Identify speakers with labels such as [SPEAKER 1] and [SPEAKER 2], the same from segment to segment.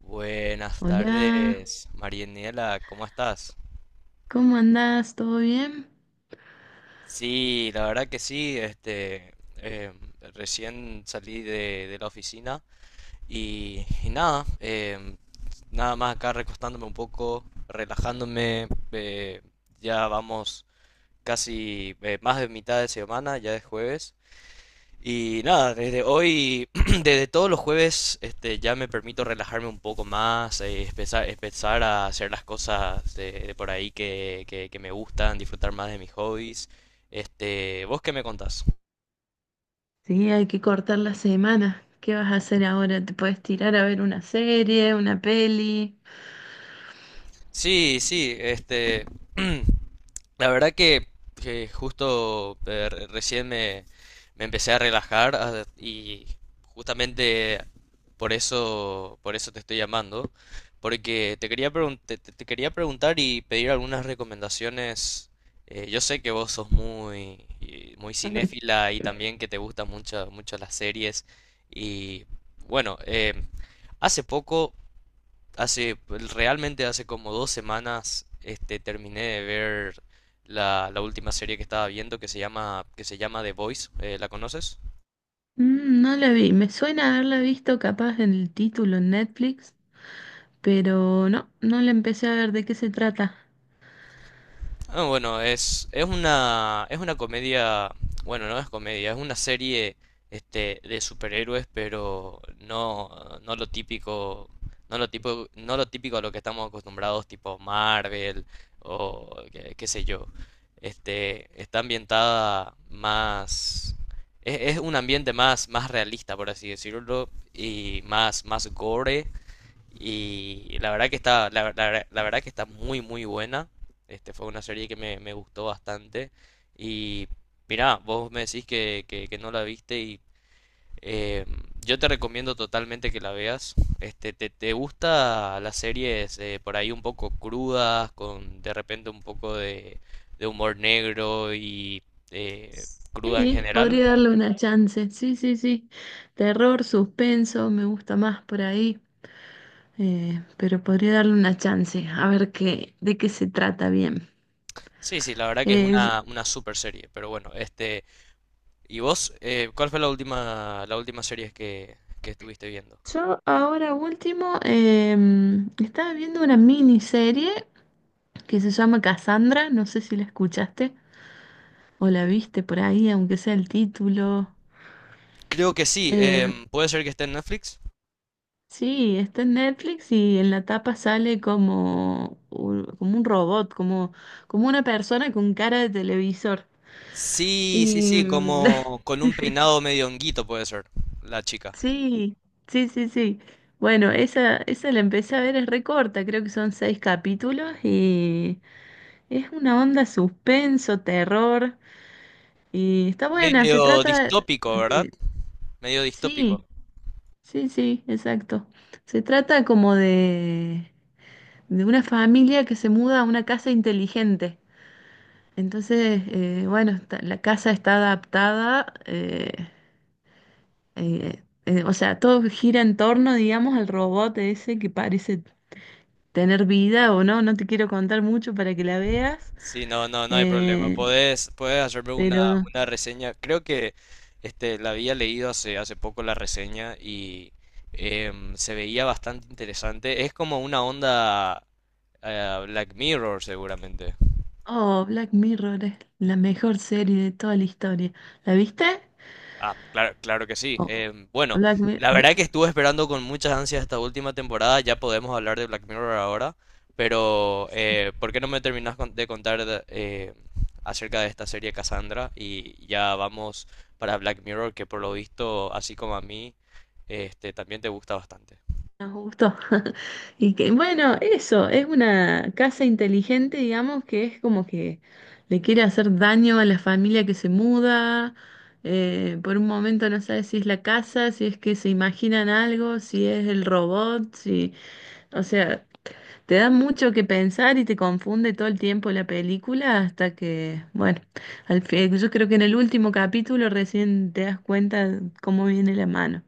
[SPEAKER 1] Buenas
[SPEAKER 2] Hola,
[SPEAKER 1] tardes, Marianela, ¿cómo estás?
[SPEAKER 2] ¿cómo andás? ¿Todo bien?
[SPEAKER 1] Sí, la verdad que sí, este, recién salí de la oficina y nada, nada más acá recostándome un poco, relajándome, ya vamos casi más de mitad de semana, ya es jueves. Y nada, desde hoy, desde todos los jueves, este, ya me permito relajarme un poco más, empezar a hacer las cosas de por ahí que me gustan, disfrutar más de mis hobbies. Este, ¿vos qué me contás?
[SPEAKER 2] Sí, hay que cortar la semana. ¿Qué vas a hacer ahora? ¿Te puedes tirar a ver una serie, una peli?
[SPEAKER 1] Sí, sí, este, la verdad que justo recién me empecé a relajar, ah, y justamente por eso te estoy llamando, porque te quería preguntar y pedir algunas recomendaciones. Yo sé que vos sos muy cinéfila, y también que te gustan mucho, mucho las series. Y bueno, hace poco hace, pues, realmente hace como 2 semanas, este, terminé de ver la última serie que estaba viendo que se llama The Voice. ¿La conoces?
[SPEAKER 2] Mm, no la vi. Me suena haberla visto capaz en el título en Netflix, pero no, no la empecé a ver de qué se trata.
[SPEAKER 1] Ah, bueno, es una comedia; bueno, no es comedia, es una serie, este, de superhéroes, pero no, no lo típico, no lo típico a lo que estamos acostumbrados, tipo Marvel, o qué sé yo. Este, está ambientada más, es un ambiente más, más, realista, por así decirlo, y más gore, y la verdad que la verdad que está muy muy buena. Este fue una serie que me gustó bastante. Y mirá, vos me decís que no la viste, y eh, yo te recomiendo totalmente que la veas. Este, te gusta las series, por ahí un poco crudas, con de repente un poco de humor negro, y eh, cruda en
[SPEAKER 2] Sí,
[SPEAKER 1] general.
[SPEAKER 2] podría darle una chance. Sí, sí, sí. Terror, suspenso, me gusta más por ahí. Pero podría darle una chance a ver qué, de qué se trata bien.
[SPEAKER 1] Sí, sí, la verdad que es
[SPEAKER 2] Eh,
[SPEAKER 1] una super serie. Pero bueno, este. ¿Y vos, cuál fue la última serie que estuviste viendo?
[SPEAKER 2] Yo ahora último estaba viendo una miniserie que se llama Cassandra, no sé si la escuchaste o la viste por ahí, aunque sea el título.
[SPEAKER 1] Creo que sí.
[SPEAKER 2] Eh,
[SPEAKER 1] Puede ser que esté en Netflix.
[SPEAKER 2] sí, está en Netflix y en la tapa sale como, como un robot, como, como una persona con cara de televisor.
[SPEAKER 1] Sí, sí,
[SPEAKER 2] Y
[SPEAKER 1] sí,
[SPEAKER 2] mm,
[SPEAKER 1] como con un peinado medio honguito puede ser, la chica.
[SPEAKER 2] sí, sí. Bueno, esa la empecé a ver, es recorta, creo que son seis capítulos. Y Es una onda suspenso, terror, y está buena, se
[SPEAKER 1] Medio
[SPEAKER 2] trata
[SPEAKER 1] distópico, ¿verdad?
[SPEAKER 2] de...
[SPEAKER 1] Medio distópico.
[SPEAKER 2] Sí, sí, sí, exacto. Se trata como de una familia que se muda a una casa inteligente. Entonces, bueno, la casa está adaptada, o sea, todo gira en torno, digamos, al robot ese que parece tener vida o no, no te quiero contar mucho para que la veas,
[SPEAKER 1] Sí, no, no, no hay problema.
[SPEAKER 2] eh,
[SPEAKER 1] Podés hacerme una,
[SPEAKER 2] pero...
[SPEAKER 1] una reseña. Creo que, este, la había leído hace poco la reseña, y se veía bastante interesante. Es como una onda, Black Mirror, seguramente.
[SPEAKER 2] Oh, Black Mirror es la mejor serie de toda la historia. ¿La viste?
[SPEAKER 1] Ah, claro, claro que sí.
[SPEAKER 2] Oh,
[SPEAKER 1] Bueno,
[SPEAKER 2] Black Mirror.
[SPEAKER 1] la verdad es que estuve esperando con muchas ansias esta última temporada. Ya podemos hablar de Black Mirror ahora, pero ¿por qué no me terminas acerca de esta serie Cassandra? Y ya vamos para Black Mirror, que por lo visto, así como a mí, este, también te gusta bastante.
[SPEAKER 2] Nos gustó. Y que, bueno, eso, es una casa inteligente, digamos, que es como que le quiere hacer daño a la familia que se muda. Eh, por un momento no sabe si es la casa, si es que se imaginan algo, si es el robot, si, o sea, te da mucho que pensar y te confunde todo el tiempo la película hasta que, bueno, al fin, yo creo que en el último capítulo recién te das cuenta cómo viene la mano.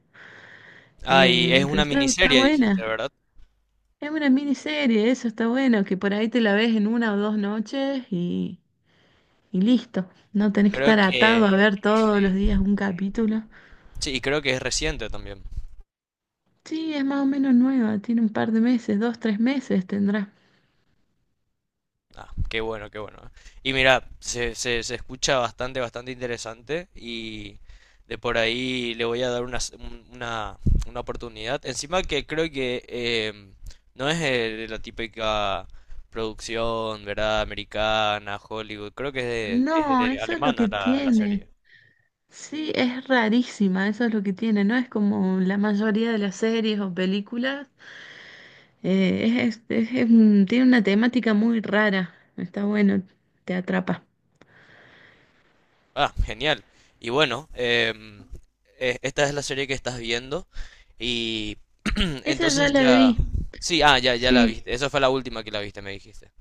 [SPEAKER 1] Ah, y es
[SPEAKER 2] Pero
[SPEAKER 1] una
[SPEAKER 2] está, está
[SPEAKER 1] miniserie, dijiste,
[SPEAKER 2] buena.
[SPEAKER 1] ¿verdad?
[SPEAKER 2] Es una miniserie, eso está bueno, que por ahí te la ves en una o dos noches y listo. No tenés que
[SPEAKER 1] Creo
[SPEAKER 2] estar
[SPEAKER 1] que
[SPEAKER 2] atado a ver todos los
[SPEAKER 1] sí.
[SPEAKER 2] días un capítulo.
[SPEAKER 1] Sí, y creo que es reciente también.
[SPEAKER 2] Sí, es más o menos nueva, tiene un par de meses, dos, tres meses tendrá.
[SPEAKER 1] Ah, qué bueno, qué bueno. Y mira, se escucha bastante, bastante interesante, y de por ahí le voy a dar una, s- un- una oportunidad. Encima que creo que, em, no es, la típica producción, ¿verdad? Americana, Hollywood. Creo que es de, es
[SPEAKER 2] No,
[SPEAKER 1] de
[SPEAKER 2] eso es lo
[SPEAKER 1] alemana
[SPEAKER 2] que
[SPEAKER 1] la
[SPEAKER 2] tiene.
[SPEAKER 1] serie.
[SPEAKER 2] Sí, es rarísima, eso es lo que tiene, ¿no? Es como la mayoría de las series o películas, es un tiene una temática muy rara, está bueno, te atrapa.
[SPEAKER 1] Ah, genial. Y bueno, esta es la serie que estás viendo, y
[SPEAKER 2] Esa ya
[SPEAKER 1] entonces
[SPEAKER 2] la
[SPEAKER 1] ya...
[SPEAKER 2] vi,
[SPEAKER 1] Sí, ah, ya, ya la
[SPEAKER 2] sí.
[SPEAKER 1] viste. Esa fue la última que la viste, me dijiste.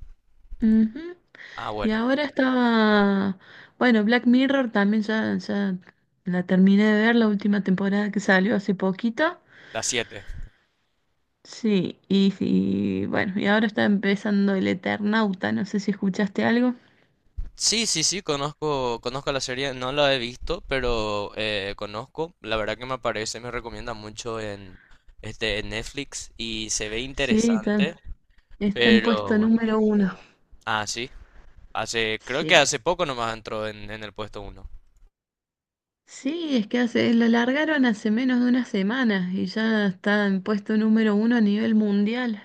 [SPEAKER 2] Ujú.
[SPEAKER 1] Ah,
[SPEAKER 2] Y
[SPEAKER 1] bueno,
[SPEAKER 2] ahora estaba, bueno, Black Mirror también ya la terminé de ver, la última temporada que salió hace poquito.
[SPEAKER 1] la 7.
[SPEAKER 2] Sí, y bueno, y ahora está empezando El Eternauta, no sé si escuchaste algo.
[SPEAKER 1] Sí, sí, sí, conozco, conozco la serie, no la he visto, pero conozco. La verdad que me aparece, me recomienda mucho en, este, en Netflix, y se ve
[SPEAKER 2] Sí,
[SPEAKER 1] interesante,
[SPEAKER 2] está en
[SPEAKER 1] pero
[SPEAKER 2] puesto
[SPEAKER 1] bueno.
[SPEAKER 2] número uno.
[SPEAKER 1] Ah, sí, hace, creo que
[SPEAKER 2] Sí.
[SPEAKER 1] hace poco nomás entró en el puesto uno.
[SPEAKER 2] Sí, es que hace, lo largaron hace menos de una semana y ya está en puesto número uno a nivel mundial.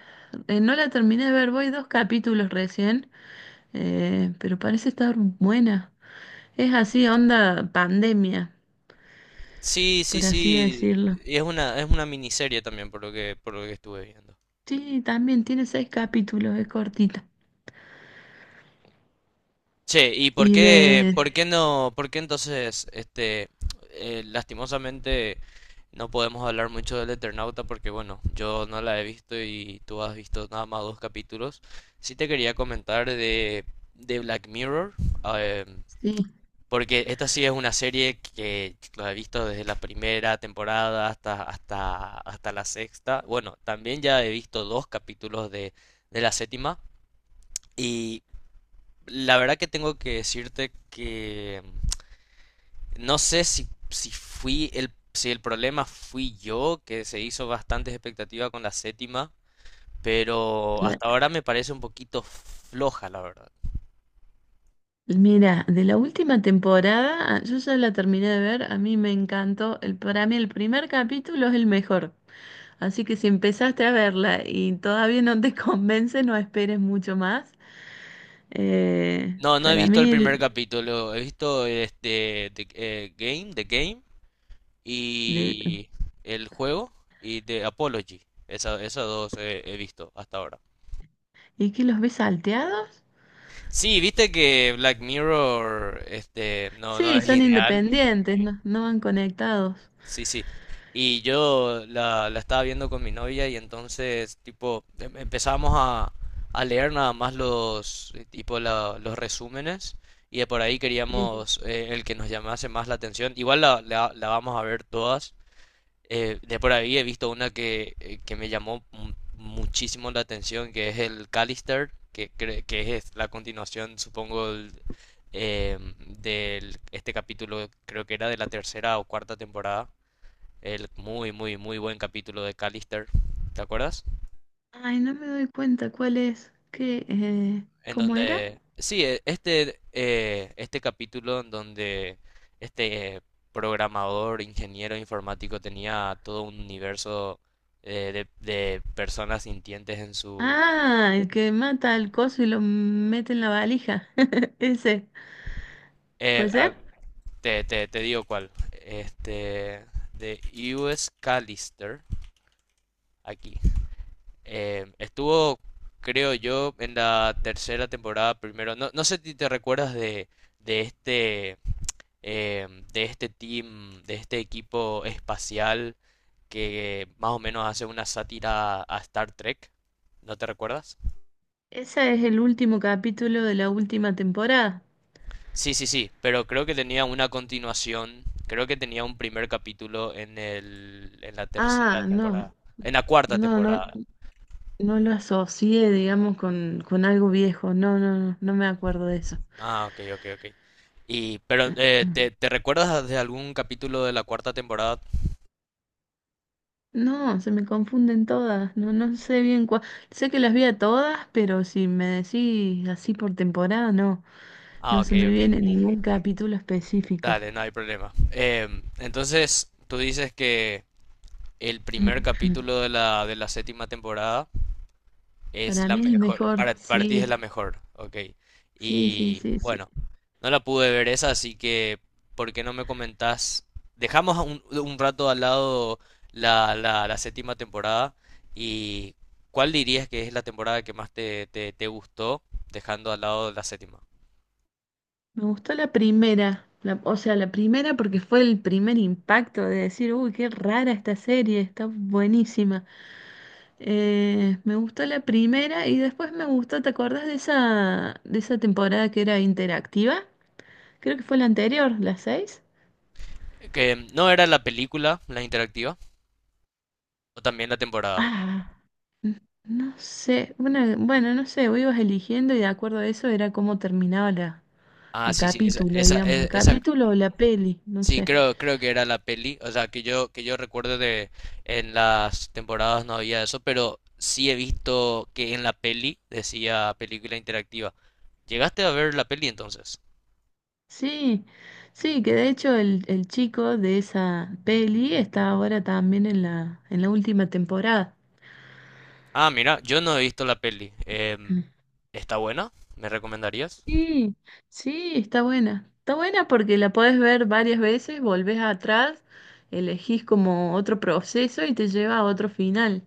[SPEAKER 2] No la terminé de ver, voy dos capítulos recién, pero parece estar buena. Es así, onda pandemia,
[SPEAKER 1] Sí, sí,
[SPEAKER 2] por así
[SPEAKER 1] sí,
[SPEAKER 2] decirlo.
[SPEAKER 1] y es una miniserie también, por lo que estuve viendo.
[SPEAKER 2] Sí, también tiene seis capítulos, es cortita.
[SPEAKER 1] Che, ¿y por
[SPEAKER 2] Y
[SPEAKER 1] qué,
[SPEAKER 2] de...
[SPEAKER 1] por qué no, por qué entonces, este, lastimosamente... No podemos hablar mucho del Eternauta porque, bueno, yo no la he visto, y tú has visto nada más dos capítulos. Sí te quería comentar de Black Mirror, eh,
[SPEAKER 2] Sí,
[SPEAKER 1] porque esta sí es una serie que la he visto desde la primera temporada hasta la sexta. Bueno, también ya he visto dos capítulos de la séptima, y la verdad que tengo que decirte que no sé si el problema fui yo, que se hizo bastante expectativa con la séptima, pero
[SPEAKER 2] la-
[SPEAKER 1] hasta ahora me parece un poquito floja, la verdad.
[SPEAKER 2] mira, de la última temporada, yo ya la terminé de ver, a mí me encantó. El, para mí el primer capítulo es el mejor. Así que si empezaste a verla y todavía no te convence, no esperes mucho más.
[SPEAKER 1] No, no he
[SPEAKER 2] Para
[SPEAKER 1] visto el
[SPEAKER 2] mí,
[SPEAKER 1] primer, capítulo; he visto este The Game,
[SPEAKER 2] de-
[SPEAKER 1] y el juego, y The Apology. Esas dos he visto hasta ahora.
[SPEAKER 2] ¿y que los ves salteados?
[SPEAKER 1] Sí, viste que Black Mirror, este, no
[SPEAKER 2] Sí,
[SPEAKER 1] es
[SPEAKER 2] son
[SPEAKER 1] lineal.
[SPEAKER 2] independientes, no, no van conectados.
[SPEAKER 1] Sí, sí. Y yo la estaba viendo con mi novia, y entonces, tipo, empezamos a leer nada más los, tipo, los resúmenes, y de por ahí
[SPEAKER 2] Eh,
[SPEAKER 1] queríamos, el que nos llamase más la atención. Igual la vamos a ver todas. De por ahí he visto una que me llamó muchísimo la atención, que es el Callister, que es la continuación, supongo, em, este capítulo. Creo que era de la tercera o cuarta temporada, el muy, muy, muy buen capítulo de Callister, ¿te acuerdas?
[SPEAKER 2] Ay, no me doy cuenta cuál es. ¿Qué,
[SPEAKER 1] En
[SPEAKER 2] cómo era?
[SPEAKER 1] donde, sí, este capítulo en donde este, programador, ingeniero informático, tenía todo un universo, de personas sintientes en su...
[SPEAKER 2] Ah, el que mata al coso y lo mete en la valija. Ese.
[SPEAKER 1] eh,
[SPEAKER 2] ¿Puede
[SPEAKER 1] a-
[SPEAKER 2] ser?
[SPEAKER 1] te digo cuál. Este, de U.S. Callister. Aquí Estuvo, creo yo, en la tercera temporada primero. No, no sé si te recuerdas de este, de este team, de este equipo espacial, que más o menos hace una sátira a Star Trek. ¿No te recuerdas?
[SPEAKER 2] Ese es el último capítulo de la última temporada.
[SPEAKER 1] Sí, sí, sí, pero creo que tenía una continuación, creo que tenía un primer capítulo en el, en la tercera
[SPEAKER 2] Ah,
[SPEAKER 1] temporada,
[SPEAKER 2] no,
[SPEAKER 1] en la cuarta
[SPEAKER 2] no, no,
[SPEAKER 1] temporada.
[SPEAKER 2] no lo asocié, digamos, con algo viejo. No, no, no, no me acuerdo de eso.
[SPEAKER 1] Ah, ok, ok, ok. Y, pero, ¿te, te recuerdas de algún capítulo de la cuarta temporada?
[SPEAKER 2] No, se me confunden todas. No, no sé bien cuál. Sé que las vi a todas, pero si me decís así por temporada, no,
[SPEAKER 1] Ah,
[SPEAKER 2] no
[SPEAKER 1] ok,
[SPEAKER 2] se me
[SPEAKER 1] ok.
[SPEAKER 2] viene ningún capítulo específico.
[SPEAKER 1] Dale, no hay problema. Entonces, tú dices que el primer capítulo de de la séptima temporada es
[SPEAKER 2] Para
[SPEAKER 1] la
[SPEAKER 2] mí es el
[SPEAKER 1] mejor.
[SPEAKER 2] mejor.
[SPEAKER 1] Para, ti es
[SPEAKER 2] Sí,
[SPEAKER 1] la mejor, ok.
[SPEAKER 2] sí, sí,
[SPEAKER 1] Y
[SPEAKER 2] sí, sí.
[SPEAKER 1] bueno, no la pude ver esa, así que, ¿por qué no me comentás? Dejamos un rato al lado la séptima temporada, y ¿cuál dirías que es la temporada que más te gustó, dejando al lado la séptima?
[SPEAKER 2] Me gustó la primera, o sea, la primera porque fue el primer impacto de decir, uy, qué rara esta serie, está buenísima. Me gustó la primera y después me gustó, ¿te acordás de esa temporada que era interactiva? Creo que fue la anterior, la 6.
[SPEAKER 1] Que no era la película, la interactiva, o también la temporada.
[SPEAKER 2] Ah, no sé, bueno, no sé, vos ibas eligiendo y de acuerdo a eso era cómo terminaba la,
[SPEAKER 1] Ah,
[SPEAKER 2] el
[SPEAKER 1] sí, sí, esa,
[SPEAKER 2] capítulo,
[SPEAKER 1] esa,
[SPEAKER 2] digamos, el
[SPEAKER 1] e- esa
[SPEAKER 2] capítulo o la peli, no
[SPEAKER 1] Sí,
[SPEAKER 2] sé.
[SPEAKER 1] creo que era la peli, o sea, que yo recuerdo de en las temporadas no había eso, pero sí he visto que en la peli decía película interactiva. ¿Llegaste a ver la peli entonces?
[SPEAKER 2] Sí, sí, que de hecho el chico de esa peli está ahora también en la última temporada.
[SPEAKER 1] Ah, mira, yo no he visto la peli.
[SPEAKER 2] Mm.
[SPEAKER 1] ¿Está buena? ¿Me recomendarías?
[SPEAKER 2] Sí, sí, está buena. Está buena porque la podés ver varias veces, volvés atrás, elegís como otro proceso y te lleva a otro final.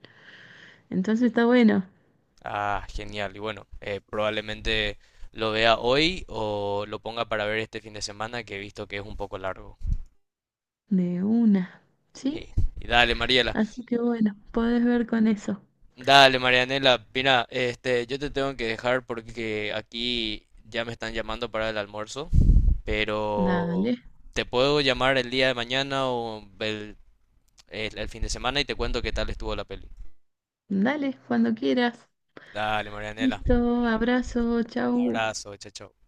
[SPEAKER 2] Entonces está bueno,
[SPEAKER 1] Ah, genial. Y bueno, probablemente lo vea hoy, o lo ponga para ver este fin de semana, que he visto que es un poco largo.
[SPEAKER 2] de una,
[SPEAKER 1] Sí.
[SPEAKER 2] ¿sí?
[SPEAKER 1] Y dale, Mariela.
[SPEAKER 2] Así que bueno, podés ver con eso.
[SPEAKER 1] Dale, Marianela, mira, este, yo te tengo que dejar porque aquí ya me están llamando para el almuerzo,
[SPEAKER 2] Dale,
[SPEAKER 1] pero te puedo llamar el día de mañana, o el fin de semana, y te cuento qué tal estuvo la peli.
[SPEAKER 2] dale, cuando quieras.
[SPEAKER 1] Dale, Marianela,
[SPEAKER 2] Listo, abrazo,
[SPEAKER 1] un
[SPEAKER 2] chau.
[SPEAKER 1] abrazo, chao, chao.